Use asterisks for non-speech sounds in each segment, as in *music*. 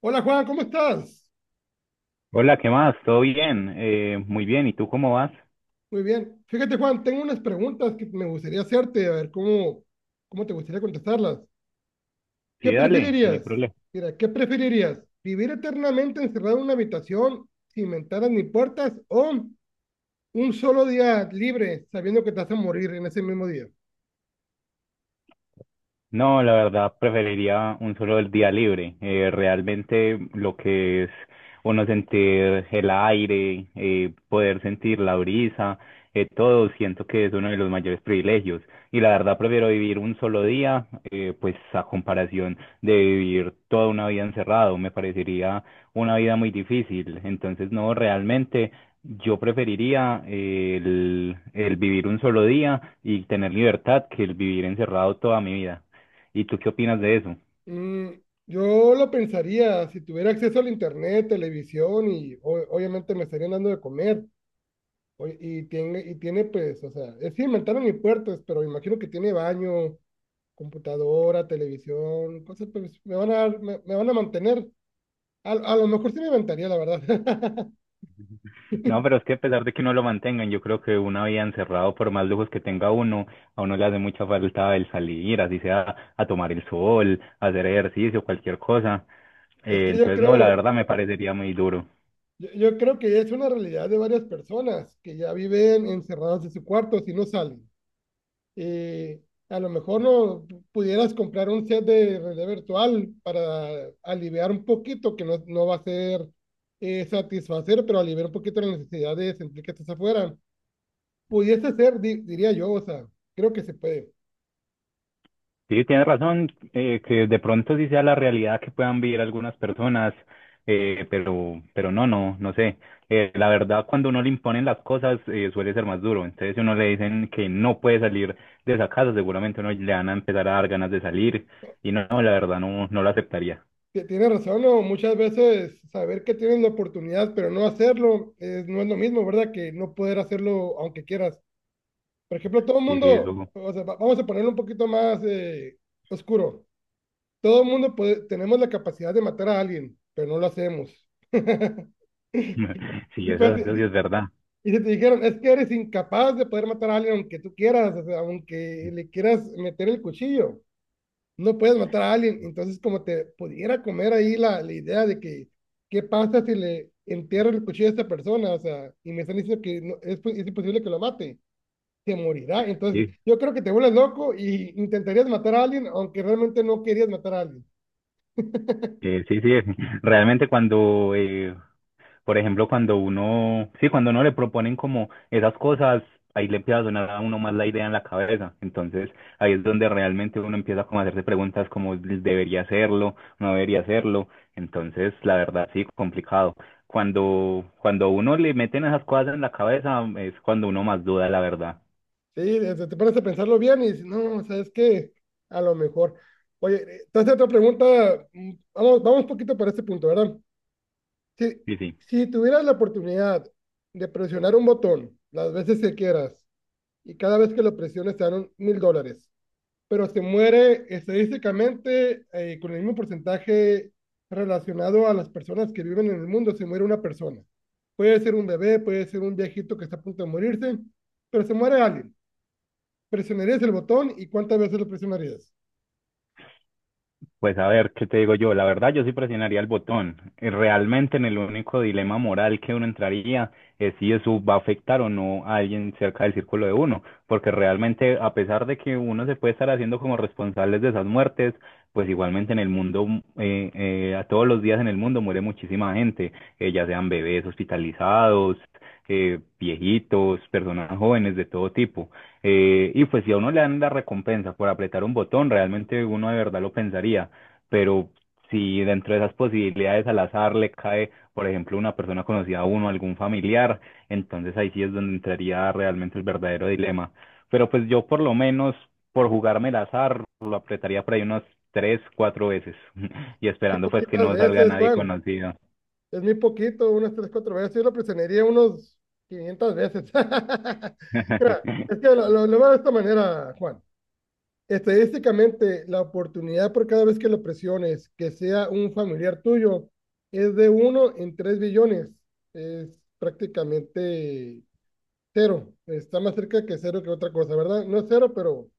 Hola Juan, ¿cómo estás? Hola, ¿qué más? ¿Todo bien? Muy bien, ¿y tú cómo vas? Muy bien. Fíjate Juan, tengo unas preguntas que me gustaría hacerte, a ver cómo te gustaría contestarlas. ¿Qué Sí, dale, no hay preferirías? problema. Mira, ¿qué preferirías? ¿Vivir eternamente encerrado en una habitación sin ventanas ni puertas o un solo día libre sabiendo que te vas a morir en ese mismo día? No, la verdad preferiría un solo día libre. Realmente lo que es uno sentir el aire, poder sentir la brisa, todo siento que es uno de los mayores privilegios. Y la verdad prefiero vivir un solo día, pues a comparación de vivir toda una vida encerrado, me parecería una vida muy difícil. Entonces, no, realmente yo preferiría el vivir un solo día y tener libertad que el vivir encerrado toda mi vida. ¿Y tú qué opinas de eso? Mm, yo lo pensaría, si tuviera acceso al internet, televisión y obviamente me estarían dando de comer. Oye, y tiene, pues, o sea, es sin ventana ni puertas, pero imagino que tiene baño, computadora, televisión, cosas, pues me van a, me van a mantener. A lo mejor sí me inventaría, la verdad. No, pero es que a pesar de que no lo mantengan, yo creo que una vida encerrado, por más lujos que tenga uno, a uno le hace mucha falta el salir, así sea a tomar el sol, a hacer ejercicio, cualquier cosa. *laughs* Es que yo Entonces, no, la creo, verdad me parecería muy duro. yo, yo creo que es una realidad de varias personas que ya viven encerradas en su cuarto si no salen. Y a lo mejor no pudieras comprar un set de realidad virtual para aliviar un poquito, que no va a ser satisfacer, pero aliviar un poquito la necesidad de sentir que estás afuera. Pudiese ser, diría yo, o sea, creo que se puede. Sí, tienes razón, que de pronto sí sea la realidad que puedan vivir algunas personas, pero no, no, no sé. La verdad, cuando uno le imponen las cosas, suele ser más duro. Entonces, si uno le dicen que no puede salir de esa casa, seguramente uno le van a empezar a dar ganas de salir. Y no, no, la verdad, no, no lo aceptaría. Tienes razón, ¿no? Muchas veces saber que tienes la oportunidad, pero no hacerlo, no es lo mismo, ¿verdad? Que no poder hacerlo aunque quieras. Por ejemplo, todo el Sí, sí, mundo, eso, o sea, vamos a ponerlo un poquito más oscuro. Todo el mundo tenemos la capacidad de matar a alguien, pero no lo hacemos. *laughs* *laughs* sí, Pues, eso sí y es verdad. y si te dijeron, es que eres incapaz de poder matar a alguien aunque tú quieras, o sea, aunque le quieras meter el cuchillo, no puedes matar a alguien. Entonces, como te pudiera comer ahí la idea de que, ¿qué pasa si le entierro el cuchillo a esta persona? O sea, y me están diciendo que es imposible que lo mate, te morirá. Entonces, Sí, yo creo que te vuelves loco y intentarías matar a alguien, aunque realmente no querías matar a alguien. Sí, sí. *laughs* Realmente cuando Por ejemplo, cuando uno, sí, cuando uno le proponen como esas cosas, ahí le empieza a sonar a uno más la idea en la cabeza. Entonces, ahí es donde realmente uno empieza como a hacerse preguntas como debería hacerlo, no debería hacerlo. Entonces, la verdad, sí, complicado. Cuando, cuando a uno le meten esas cosas en la cabeza, es cuando uno más duda, la verdad. Sí, o sea, te pones a pensarlo bien y dices, no, ¿sabes qué? A lo mejor. Oye, entonces otra pregunta, vamos un poquito para este punto, ¿verdad? Si, Sí, sí. si tuvieras la oportunidad de presionar un botón las veces que quieras y cada vez que lo presiones te dan $1000. Pero se muere estadísticamente con el mismo porcentaje relacionado a las personas que viven en el mundo, se muere una persona. Puede ser un bebé, puede ser un viejito que está a punto de morirse, pero se muere alguien. ¿Presionarías el botón y cuántas veces lo presionarías? Pues a ver, ¿qué te digo yo? La verdad, yo sí presionaría el botón. Realmente en el único dilema moral que uno entraría es si eso va a afectar o no a alguien cerca del círculo de uno, porque realmente a pesar de que uno se puede estar haciendo como responsables de esas muertes, pues igualmente en el mundo, a todos los días en el mundo muere muchísima gente, ya sean bebés hospitalizados, viejitos, personas jóvenes de todo tipo. Y pues si a uno le dan la recompensa por apretar un botón, realmente uno de verdad lo pensaría, pero si dentro de esas posibilidades al azar le cae, por ejemplo, una persona conocida a uno, algún familiar, entonces ahí sí es donde entraría realmente el verdadero dilema. Pero pues yo por lo menos, por jugarme el azar, lo apretaría por ahí unas tres, cuatro veces *laughs* y Qué esperando pues que poquitas no salga veces, nadie Juan. conocido. Es muy poquito, unas tres, cuatro veces. Yo lo presionaría unos 500 veces. *laughs* Mira, es que *laughs* lo veo de esta manera, Juan. Estadísticamente, la oportunidad por cada vez que lo presiones, que sea un familiar tuyo, es de uno en 3 billones. Es prácticamente cero. Está más cerca que cero que otra cosa, ¿verdad? No es cero, pero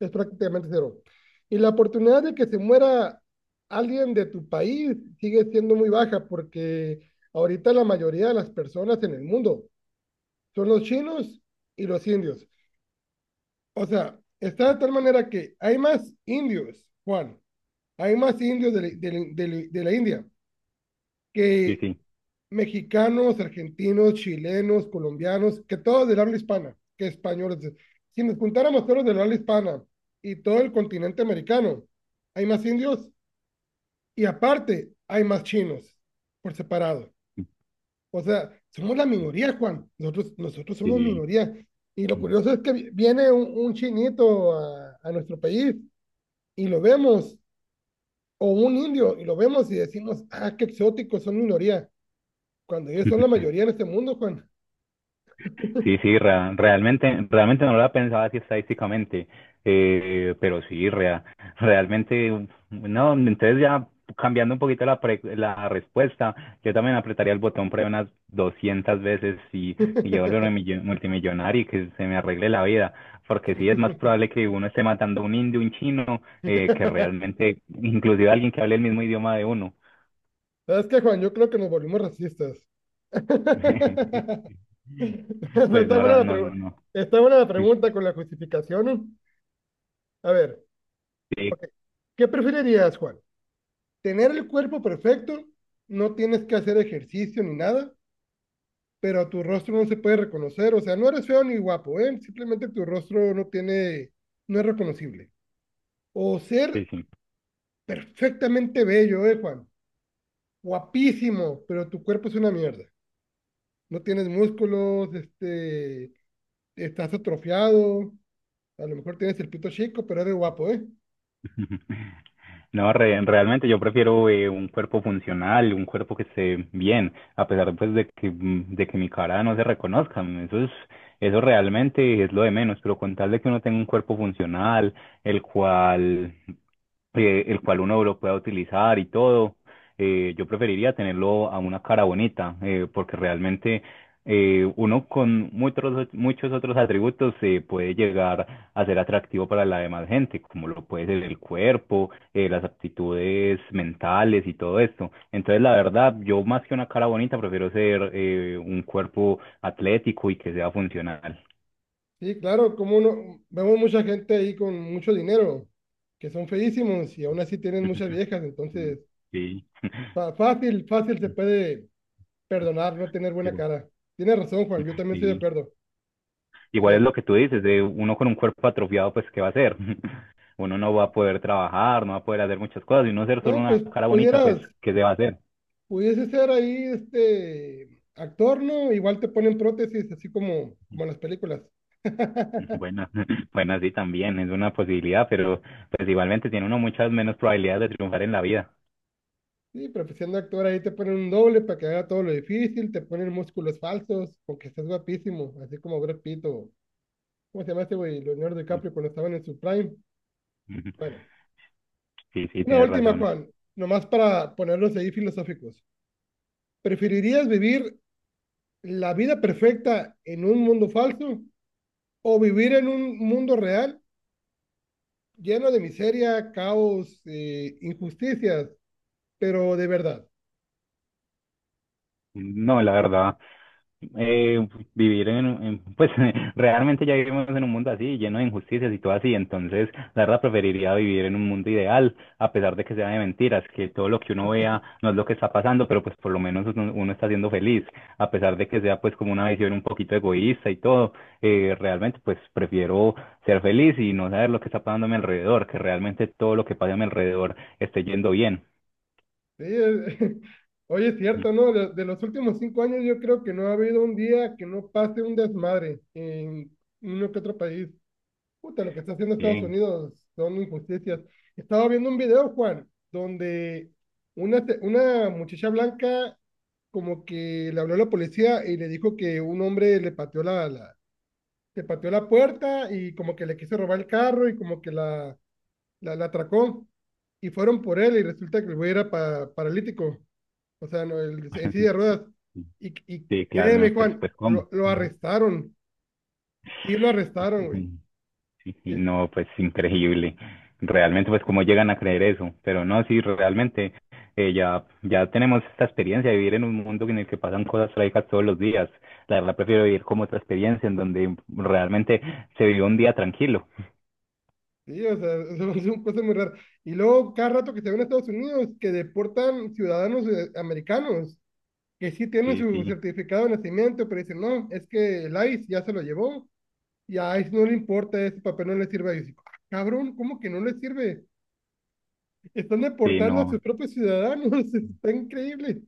es prácticamente cero. Y la oportunidad de que se muera alguien de tu país sigue siendo muy baja porque ahorita la mayoría de las personas en el mundo son los chinos y los indios. O sea, está de tal manera que hay más indios, Juan, hay más indios de, de la India Sí, que mexicanos, argentinos, chilenos, colombianos, que todos del habla hispana, que españoles. Si nos juntáramos todos del habla hispana y todo el continente americano, hay más indios y aparte hay más chinos por separado. O sea, somos la minoría, Juan. Nosotros somos sí, minoría. Y lo sí. curioso es que viene un, chinito a nuestro país y lo vemos, o un indio y lo vemos y decimos, ah, qué exóticos, son minoría, cuando ellos son *laughs* la mayoría en este mundo, Juan. Sí, sí, realmente, realmente no lo había pensado así estadísticamente, pero sí, realmente, no, entonces ya cambiando un poquito la, la respuesta, yo también apretaría el botón pre unas 200 veces y yo *laughs* volverme multimillonario y que se me arregle la vida, porque sí es más probable que uno esté matando a un indio, un chino, que realmente, inclusive alguien que hable el mismo idioma de uno. ¿Sabes qué, Juan? Yo creo que nos volvimos racistas. *laughs* *laughs* Pues Está no, buena la no, no, pregunta no. Está buena la *laughs* pregunta con la justificación. A ver, Sí, ok. ¿Qué preferirías, Juan? ¿Tener el cuerpo perfecto? No tienes que hacer ejercicio ni nada, pero tu rostro no se puede reconocer. O sea, no eres feo ni guapo, ¿eh? Simplemente tu rostro no tiene, no es reconocible. O sí, ser sí. perfectamente bello, ¿eh, Juan? Guapísimo, pero tu cuerpo es una mierda. No tienes músculos, este, estás atrofiado, a lo mejor tienes el pito chico, pero eres guapo, ¿eh? *laughs* No, realmente yo prefiero un cuerpo funcional, un cuerpo que esté bien, a pesar pues de que, de que mi cara no se reconozca. Eso es, eso realmente es lo de menos, pero con tal de que uno tenga un cuerpo funcional, el cual el cual uno lo pueda utilizar y todo. Yo preferiría tenerlo a una cara bonita, porque realmente uno con muchos, muchos otros atributos puede llegar a ser atractivo para la demás gente, como lo puede ser el cuerpo, las aptitudes mentales y todo esto. Entonces, la verdad, yo más que una cara bonita, prefiero ser un cuerpo atlético y que sea funcional. Sí, claro, como uno, vemos mucha gente ahí con mucho dinero, que son feísimos y aún así tienen muchas *laughs* viejas, entonces Sí, fácil se puede perdonar no tener buena digo, cara. Tienes razón, Juan, yo también estoy de sí. acuerdo. A Igual es ver, lo que tú dices, de uno con un cuerpo atrofiado, pues, ¿qué va a hacer? *laughs* Uno no va a poder trabajar, no va a poder hacer muchas cosas, y uno ser solo no, pues una cara bonita, pues, pudieras ¿qué se va a hacer? Pudiese ser ahí este actor, ¿no? Igual te ponen prótesis, así como, como en las películas. *laughs* *laughs* Bueno, *laughs* bueno, sí, también es una posibilidad, pero pues igualmente tiene uno muchas menos probabilidades de triunfar en la vida. Sí, pero pues siendo actor ahí te ponen un doble para que haga todo lo difícil, te ponen músculos falsos, porque estás guapísimo, así como Brad Pitt o, ¿cómo se llama este güey? Leonardo DiCaprio cuando estaban en su prime. *laughs* Bueno, Sí, sí, una tienes última, razón. Juan, nomás para ponerlos ahí filosóficos. ¿Preferirías vivir la vida perfecta en un mundo falso o vivir en un mundo real lleno de miseria, caos, injusticias, pero de verdad? No, la verdad, eh, vivir en, pues *laughs* realmente ya vivimos en un mundo así, lleno de injusticias y todo así, entonces la verdad preferiría vivir en un mundo ideal, a pesar de que sea de mentiras, que todo lo que uno vea no es lo que está pasando, pero pues por lo menos uno, uno está siendo feliz, a pesar de que sea pues como una visión un poquito egoísta y todo, realmente pues prefiero ser feliz y no saber lo que está pasando a mi alrededor, que realmente todo lo que pasa a mi alrededor esté yendo bien. ¿Sí? *laughs* Oye, es cierto, ¿no? Los últimos 5 años yo creo que no ha habido un día que no pase un desmadre en uno que otro país. Puta, lo que está haciendo Estados Bien, Unidos son injusticias. Estaba viendo un video, Juan, donde una, una muchacha blanca como que le habló a la policía y le dijo que un hombre le pateó la puerta y como que le quiso robar el carro y como que la atracó y fueron por él y resulta que el güey era paralítico, o sea, no, en silla de ruedas. Y *laughs* sí, claro, créeme, no, pues Juan, pues lo, cómo. lo arrestaron, sí lo arrestaron, güey. Ujú. *laughs* Sí, sí, Y- no, pues increíble. Realmente, pues cómo llegan a creer eso. Pero no, sí, realmente ya, ya tenemos esta experiencia de vivir en un mundo en el que pasan cosas trágicas todos los días. La verdad, prefiero vivir como otra experiencia en donde realmente se vive un día tranquilo. Sí, o sea, *laughs* son cosas muy raras. Y luego, cada rato que se ven a Estados Unidos, que deportan ciudadanos americanos, que sí tienen Sí, su sí, certificado de nacimiento, pero dicen, no, es que el ICE ya se lo llevó, y a ICE no le importa, ese papel no le sirve a ICE. Ah, cabrón, ¿cómo que no le sirve? Están sí, deportando a no, sus propios ciudadanos, *laughs* está increíble.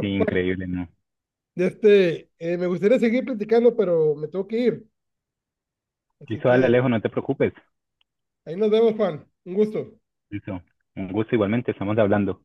sí, Juan, increíble, no. este, me gustaría seguir platicando, pero me tengo que ir. Así Listo, dale, que Alejo, no te preocupes. ahí nos vemos, Juan. Un gusto. Listo, un gusto igualmente, estamos hablando.